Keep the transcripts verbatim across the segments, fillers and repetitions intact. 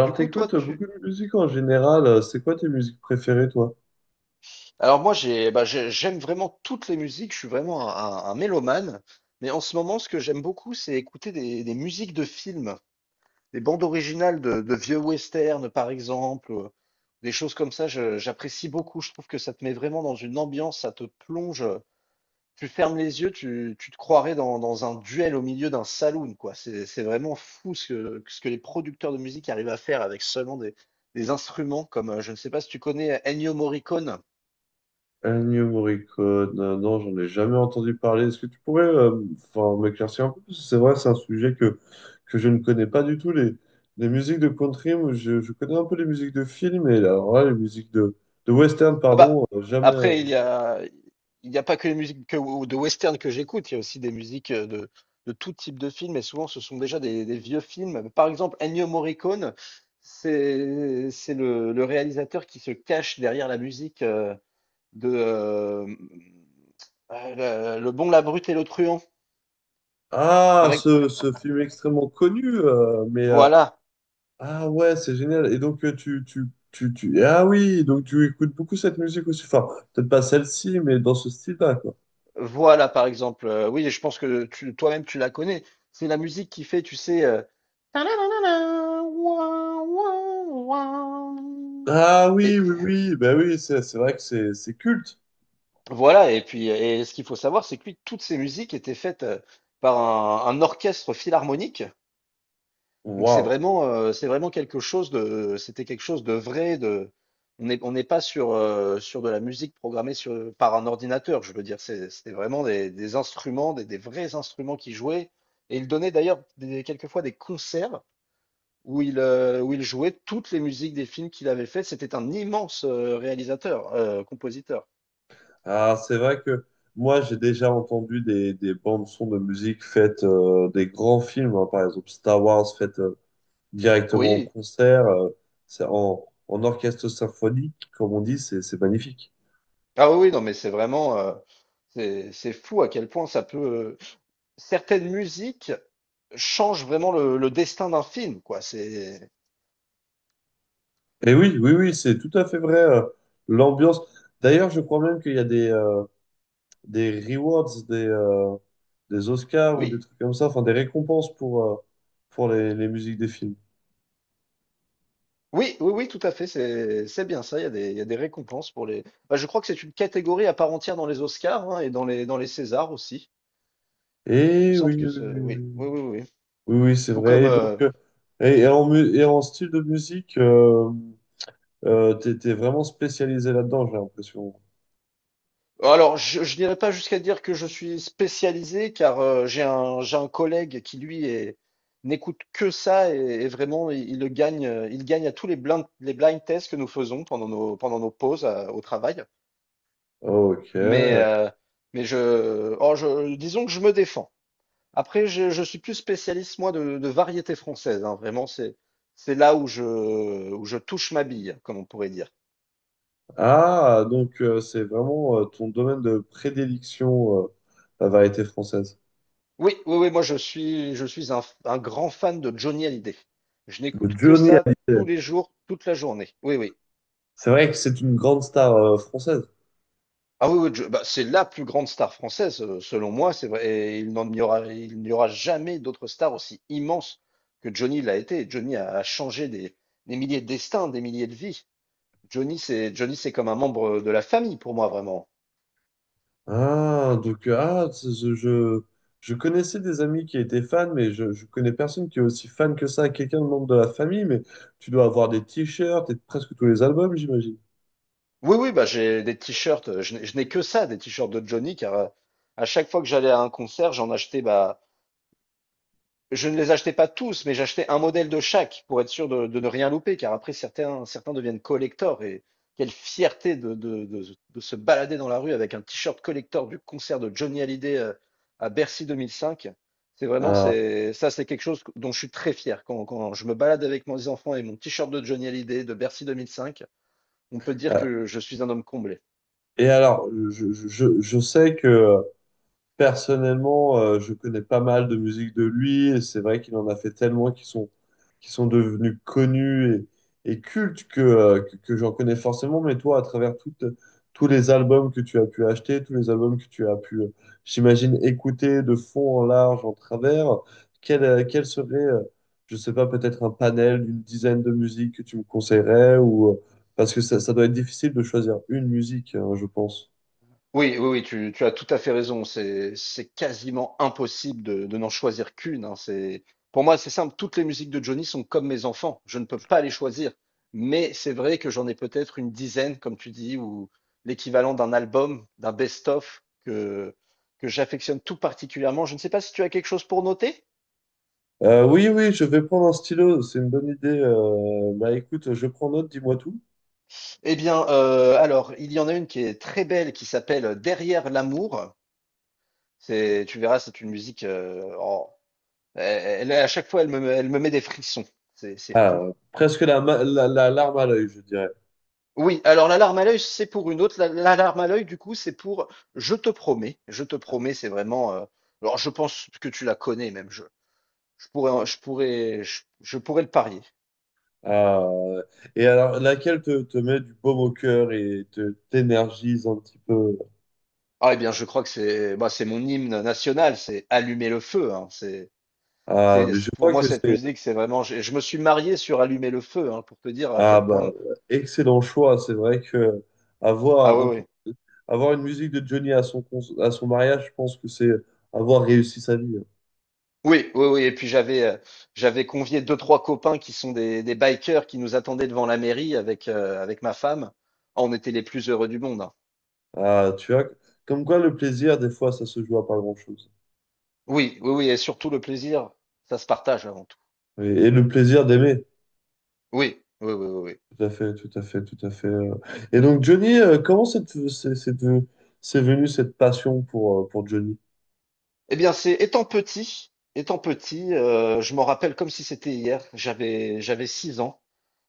Du coup, toi, t'écoutes tu... beaucoup de musique en général. euh, C'est quoi tes musiques préférées, toi? Alors moi, j'ai, bah, j'ai- j'aime vraiment toutes les musiques, je suis vraiment un, un- un mélomane, mais en ce moment, ce que j'aime beaucoup, c'est écouter des, des musiques de films, des bandes originales de, de vieux westerns, par exemple, euh, des choses comme ça, je- j'apprécie beaucoup, je trouve que ça te met vraiment dans une ambiance, ça te plonge, tu fermes les yeux, tu, tu te croirais dans, dans un duel au milieu d'un saloon, quoi. C'est, c'est vraiment fou ce que, ce que les producteurs de musique arrivent à faire avec seulement des, des instruments, comme, euh, je ne sais pas si tu connais Ennio Morricone. Ennio Morricone, euh, non, j'en ai jamais entendu parler. Est-ce que tu pourrais euh, enfin, m'éclaircir un peu? Parce que c'est vrai, c'est un sujet que, que je ne connais pas du tout. Les, les musiques de country, moi, je, je connais un peu les musiques de films, et alors là, les musiques de, de western, Ah pardon, bah, euh, jamais, après, euh, il y jamais. a, il n'y a pas que les musiques que- ou de western que j'écoute, il y a aussi des musiques euh, de, de tout type de films, et souvent ce sont déjà des, des vieux films. Par exemple, Ennio Morricone, c'est, c'est le, le réalisateur qui se cache derrière la musique euh, de euh, euh, Le Le Bon, la Brute et le Truand. Ah, Par ex- ce, ce film extrêmement connu, euh, mais euh, voilà. ah ouais, c'est génial. Et donc, euh, tu, tu, tu, tu... ah oui, donc tu écoutes beaucoup cette musique aussi. Enfin, peut-être pas celle-ci, mais dans ce style-là, quoi. Voilà, par exemple, heu, oui, je pense que tu toi-même, tu la connais. C'est la musique qui fait, tu sais, heu, Ah oui, et et oui, oui. Ben oui, c'est c'est vrai que c'est c'est culte. voilà. Et puis et ce qu'il faut savoir, c'est que lui, toutes ces musiques étaient faites, heu, par un un orchestre philharmonique. Donc c'est Waouh. vraiment, euh, c'est vraiment quelque chose de, c'était quelque chose de vrai, de, on n'est on n'est pas sur, euh, sur de la musique programmée sur, par un ordinateur, je veux dire, c'est- c'était vraiment des, des instruments, des, des vrais instruments qui jouaient, et il donnait d'ailleurs des- quelquefois des concerts où il, euh, où il jouait toutes les musiques des films qu'il avait fait, c'était un immense euh, réalisateur, euh, compositeur. Ah, c'est vrai que moi, j'ai déjà entendu des, des bandes son de musique faites euh, des grands films, hein. Par exemple Star Wars, faites euh, directement en Oui, concert, euh, c'est en, en orchestre symphonique, comme on dit, c'est c'est magnifique. ah oui, oui, non mais c'est vraiment, euh, c'est, c'est fou à quel point ça peut, certaines musiques change vraiment le, le destin d'un film, quoi. C'est Et oui, oui, oui, c'est tout à fait vrai. Euh, l'ambiance. D'ailleurs, je crois même qu'il y a des, euh, des rewards, des, euh, des Oscars ou des oui, trucs comme ça, enfin des récompenses pour, euh, pour les, les musiques des films. oui, oui, oui, tout à fait. C'est c'est bien ça. Il y a des, il y a des récompenses pour les. Bah, je crois que c'est une catégorie à part entière dans les Oscars, hein, et dans les dans les Césars aussi. Il me Et semble oui, oui, que ce... oui, oui, oui, oui, oui, oui, oui. oui, oui, c'est Tout vrai. comme. Et donc, euh, euh, et, et en, mu- et en style de musique, euh, euh, t'es, t'es vraiment spécialisé là-dedans, j'ai l'impression. Alors, je, je n'irai pas jusqu'à dire que je suis spécialisé, car euh, j'ai un j'ai un collègue qui lui est n'écoute que ça et, et vraiment il, il le gagne. euh, Il gagne à tous les blind les blind tests que nous faisons pendant nos pendant nos pauses à- au travail. Ok. Mais, euh, mais je, oh, je, disons que je me défends. Après, je, je suis plus spécialiste, moi, de, de variété française, hein. Vraiment, c'est, c'est là où je, où je touche ma bille, comme on pourrait dire. Ah, donc euh, c'est vraiment euh, ton domaine de prédilection, euh, la variété française. Oui, oui, oui, moi, je suis, je suis un, f- un grand fan de Johnny Hallyday. Je De n'écoute que Johnny ça tous Hallyday. les jours, toute la journée. Oui, oui. C'est vrai que c'est une grande star euh, française. Ah oui, oui, je- bah, c'est la plus grande star française, euh, selon moi, c'est vrai. Et il n'en y aura, il n'y aura jamais d'autres stars aussi immenses que Johnny l'a été. Johnny a, a changé des, des milliers de destins, des milliers de vies. Johnny, c'est Johnny, c'est comme un membre de la famille pour moi, vraiment. Ah, donc, euh, ah, c'est- je, je, je connaissais des amis qui étaient fans, mais je, je connais personne qui est aussi fan que ça, quelqu'un de membre de la famille, mais tu dois avoir des t-shirts et presque tous les albums, j'imagine. Oui, oui, bah j'ai des t-shirts. euh, Je n'ai je n'ai que ça, des t-shirts de Johnny, car euh, à chaque fois que j'allais à un concert, j'en achetais bah je ne les achetais pas tous, mais j'achetais un modèle de chaque pour être sûr de, de ne rien louper, car après certains, certains deviennent collectors et quelle fierté de, de- de- de se balader dans la rue avec un t-shirt collector du concert de Johnny Hallyday euh, à Bercy deux mille cinq. C'est vraiment, Ah, c'est, ça, c'est quelque chose dont je suis très fier. Quand, quand je me balade avec mes enfants et mon t-shirt de Johnny Hallyday de Bercy deux mille cinq, on peut dire ah. que je suis un homme comblé. Et alors, je, je, je je sais que. Personnellement, euh, je connais pas mal de musique de lui et c'est vrai qu'il en a fait tellement qui sont, qui sont devenus connus et, et cultes que, euh, que, que j'en connais forcément. Mais toi, à travers toutes, tous les albums que tu as pu acheter, tous les albums que tu as pu, euh, j'imagine, écouter de fond en large, en travers, quel, euh, quel serait, euh, je sais pas, peut-être un panel d'une dizaine de musiques que tu me conseillerais ou, euh, parce que ça, ça doit être difficile de choisir une musique, hein, je pense. Oui, oui, oui, tu, tu as tout à fait raison. C'est, c'est quasiment impossible de, de n'en choisir qu'une, hein. C'est, pour moi, c'est simple. Toutes les musiques de Johnny sont comme mes enfants. Je ne peux pas les choisir. Mais c'est vrai que j'en ai peut-être une dizaine, comme tu dis, ou l'équivalent d'un album, d'un best-of que, que j'affectionne tout particulièrement. Je ne sais pas si tu as quelque chose pour noter. Euh, oui, oui, je vais prendre un stylo, c'est une bonne idée. Euh, bah écoute, je prends note, dis-moi tout. Eh bien, euh, alors, il y en a une qui est très belle, qui s'appelle Derrière l'amour. C'est, tu verras, c'est une musique euh, Elle, elle- à chaque fois, elle me, elle me met des frissons. C'est c'est fou. Ah, presque la, ma- la, la larme à l'œil, je dirais. Oui, alors l'alarme à l'œil, c'est pour une autre. La- L'alarme à l'œil, du coup, c'est pour je te promets. Je te promets, c'est vraiment. Euh, alors, je pense que tu la connais même. Je, je pourrais, en- je pourrais, je, je pourrais le parier. Ah, et alors, laquelle te, te met du baume au cœur et te t'énergise un petit peu? Ah, eh bien, je crois que c'est, bah, c'est mon hymne national. C'est Allumer le feu, hein. C'est, Ah, c'est, mais je c'est- pour crois moi, que cette c'est... musique, c'est vraiment. Je, je me suis marié sur Allumer le feu, hein, pour te dire à Ah, quel bah, point. excellent choix. C'est vrai que Ah avoir, ouais, un, con- ouais. avoir une musique de Johnny à son, cons- à son mariage, je pense que c'est avoir réussi sa vie. Oui, oui, oui. Et puis j'avais euh, j'avais convié deux, trois copains qui sont des, des bikers qui nous attendaient devant la mairie avec, euh, avec ma femme. Ah, on était les plus heureux du monde, hein. Ah, tu vois, comme quoi le plaisir, des fois, ça se joue à pas grand-chose. Oui, oui, oui. Et surtout le plaisir, ça se partage avant tout. Et, et le plaisir d'aimer. Oui, oui, oui, oui, oui. Tout à fait, tout à fait, tout à fait. euh. Et donc, Johnny, euh, comment c'est c'est- c'est venu, c'est venu cette passion pour, euh, pour Johnny? Eh bien, c'est étant petit, étant petit, euh, je m'en rappelle comme si c'était hier. J'avais j'avais six ans.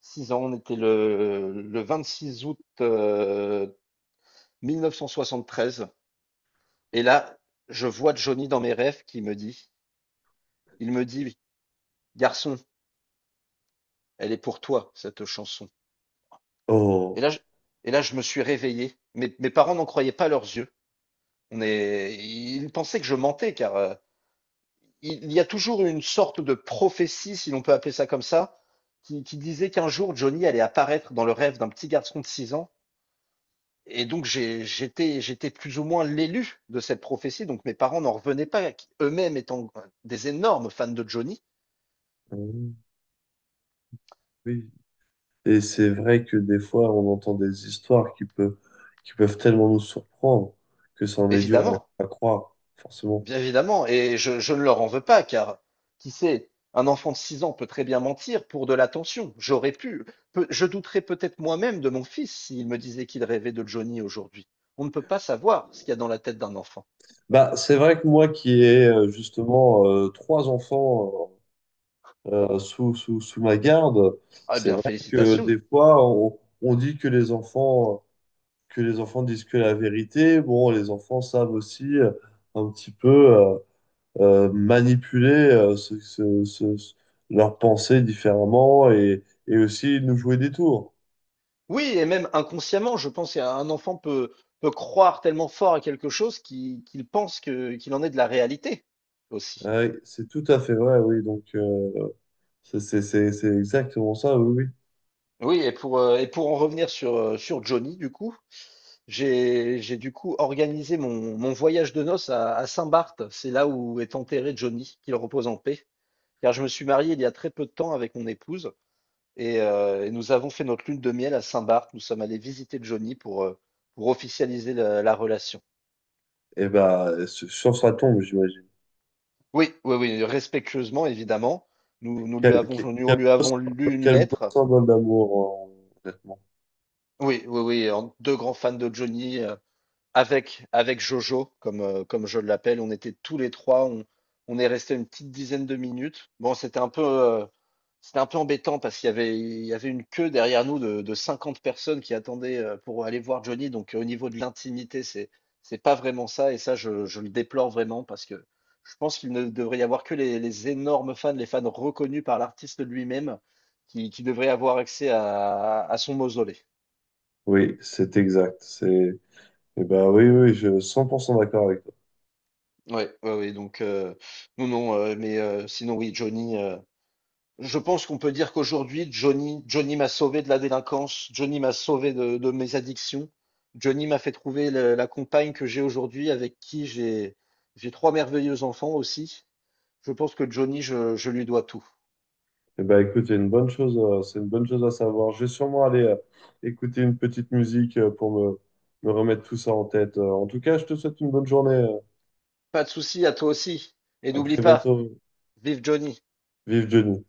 Six ans, on était le, le vingt-six août euh, treize. Et là, je vois Johnny dans mes rêves qui me dit, il me dit, garçon. Elle est pour toi, cette chanson. Et Oh. là, je, et là, je me suis réveillé. Mes, mes parents n'en croyaient pas leurs yeux. On est, ils pensaient que je mentais, car euh, il y a toujours une sorte de prophétie, si l'on peut appeler ça comme ça, qui, qui disait qu'un jour Johnny allait apparaître dans le rêve d'un petit garçon de six ans. Et donc j'ai- j'étais j'étais plus ou moins l'élu de cette prophétie. Donc mes parents n'en revenaient pas, eux-mêmes étant des énormes fans de Johnny, Mmh. Oui. Et c'est vrai que des fois, on entend des histoires qui peuvent, qui peuvent tellement nous surprendre que ça en est dur évidemment. à, à croire, forcément. Bien évidemment, et je, je ne leur en veux pas, car qui sait, un enfant de six ans peut très bien mentir pour de l'attention. J'aurais pu, Peu- je douterais peut-être moi-même de mon fils s'il me disait qu'il rêvait de Johnny aujourd'hui. On ne peut pas savoir ce qu'il y a dans la tête d'un enfant. Bah, c'est vrai que moi qui ai euh, justement euh, trois enfants euh, euh, sous, sous, sous ma garde, Ah c'est bien, vrai que félicitations. des fois, on, on dit que les enfants que les enfants disent que la vérité. Bon, les enfants savent aussi euh, un petit peu euh, euh, manipuler euh, ce- ce- ce- ce- leurs pensées différemment et, et aussi nous jouer des tours. Oui, et même inconsciemment, je pense qu'un enfant peut, peut croire tellement fort à quelque chose qu'il qu'il pense que, qu'il en est de la réalité aussi. Ouais, c'est tout à fait vrai, oui. Donc, euh, c'est c'est- c'est- c'est exactement ça, oui, oui. Oui, et pour, euh, et pour en revenir sur, euh, sur Johnny, du coup. J'ai j'ai du coup organisé mon, mon voyage de noces à, à Saint-Barth. C'est là où est enterré Johnny, qu'il repose en paix. Car je me suis marié il y a très peu de temps avec mon épouse et, euh, et nous avons fait notre lune de miel à Saint-Barth. Nous sommes allés visiter Johnny pour, euh, pour officialiser la, la relation. Et bah, sur sur sa tombe, j'imagine. Oui, oui, oui, respectueusement, évidemment. Nous, nous lui Quel, avons, quel- nous quel lui beau, avons lu une quel beau lettre. symbole d'amour, euh, honnêtement. Oui, oui, oui, en deux grands fans de Johnny. euh, Avec, avec Jojo, comme, euh, comme je l'appelle, on était tous les trois, on, on est resté une petite dizaine de minutes. Bon, c'était un peu, euh, c'était un peu embêtant parce qu'il y avait, il y avait une queue derrière nous de, de cinquante personnes qui attendaient euh, pour aller voir Johnny. Donc, euh, au niveau de l'intimité, c'est, c'est pas vraiment ça. Et ça, je, je le déplore vraiment parce que je pense qu'il ne devrait y avoir que les, les énormes fans, les fans reconnus par l'artiste lui-même, qui, qui devraient avoir accès à, à son mausolée. Oui, c'est exact. C'est, et ben, oui, oui, je suis cent pour cent d'accord avec. Ouais, ouais, ouais, donc heu, non, non, heu, mais heu, sinon oui, Johnny, heu, je pense qu'on peut dire qu'aujourd'hui, Johnny Johnny m'a sauvé de la délinquance, Johnny m'a sauvé de de mes addictions, Johnny m'a fait trouver le la compagne que j'ai aujourd'hui, avec qui j'ai j'ai trois merveilleux enfants aussi. Je pense que Johnny, je je lui dois tout. Eh ben, écoute, c'est une bonne chose, euh, c'est une bonne chose à savoir. Je vais sûrement aller euh, écouter une petite musique euh, pour me, me remettre tout ça en tête. Euh, en tout cas, je te souhaite une bonne journée. euh. Pas de souci, à toi aussi et À n'oublie très pas, bientôt. vive Johnny! Vive Johnny.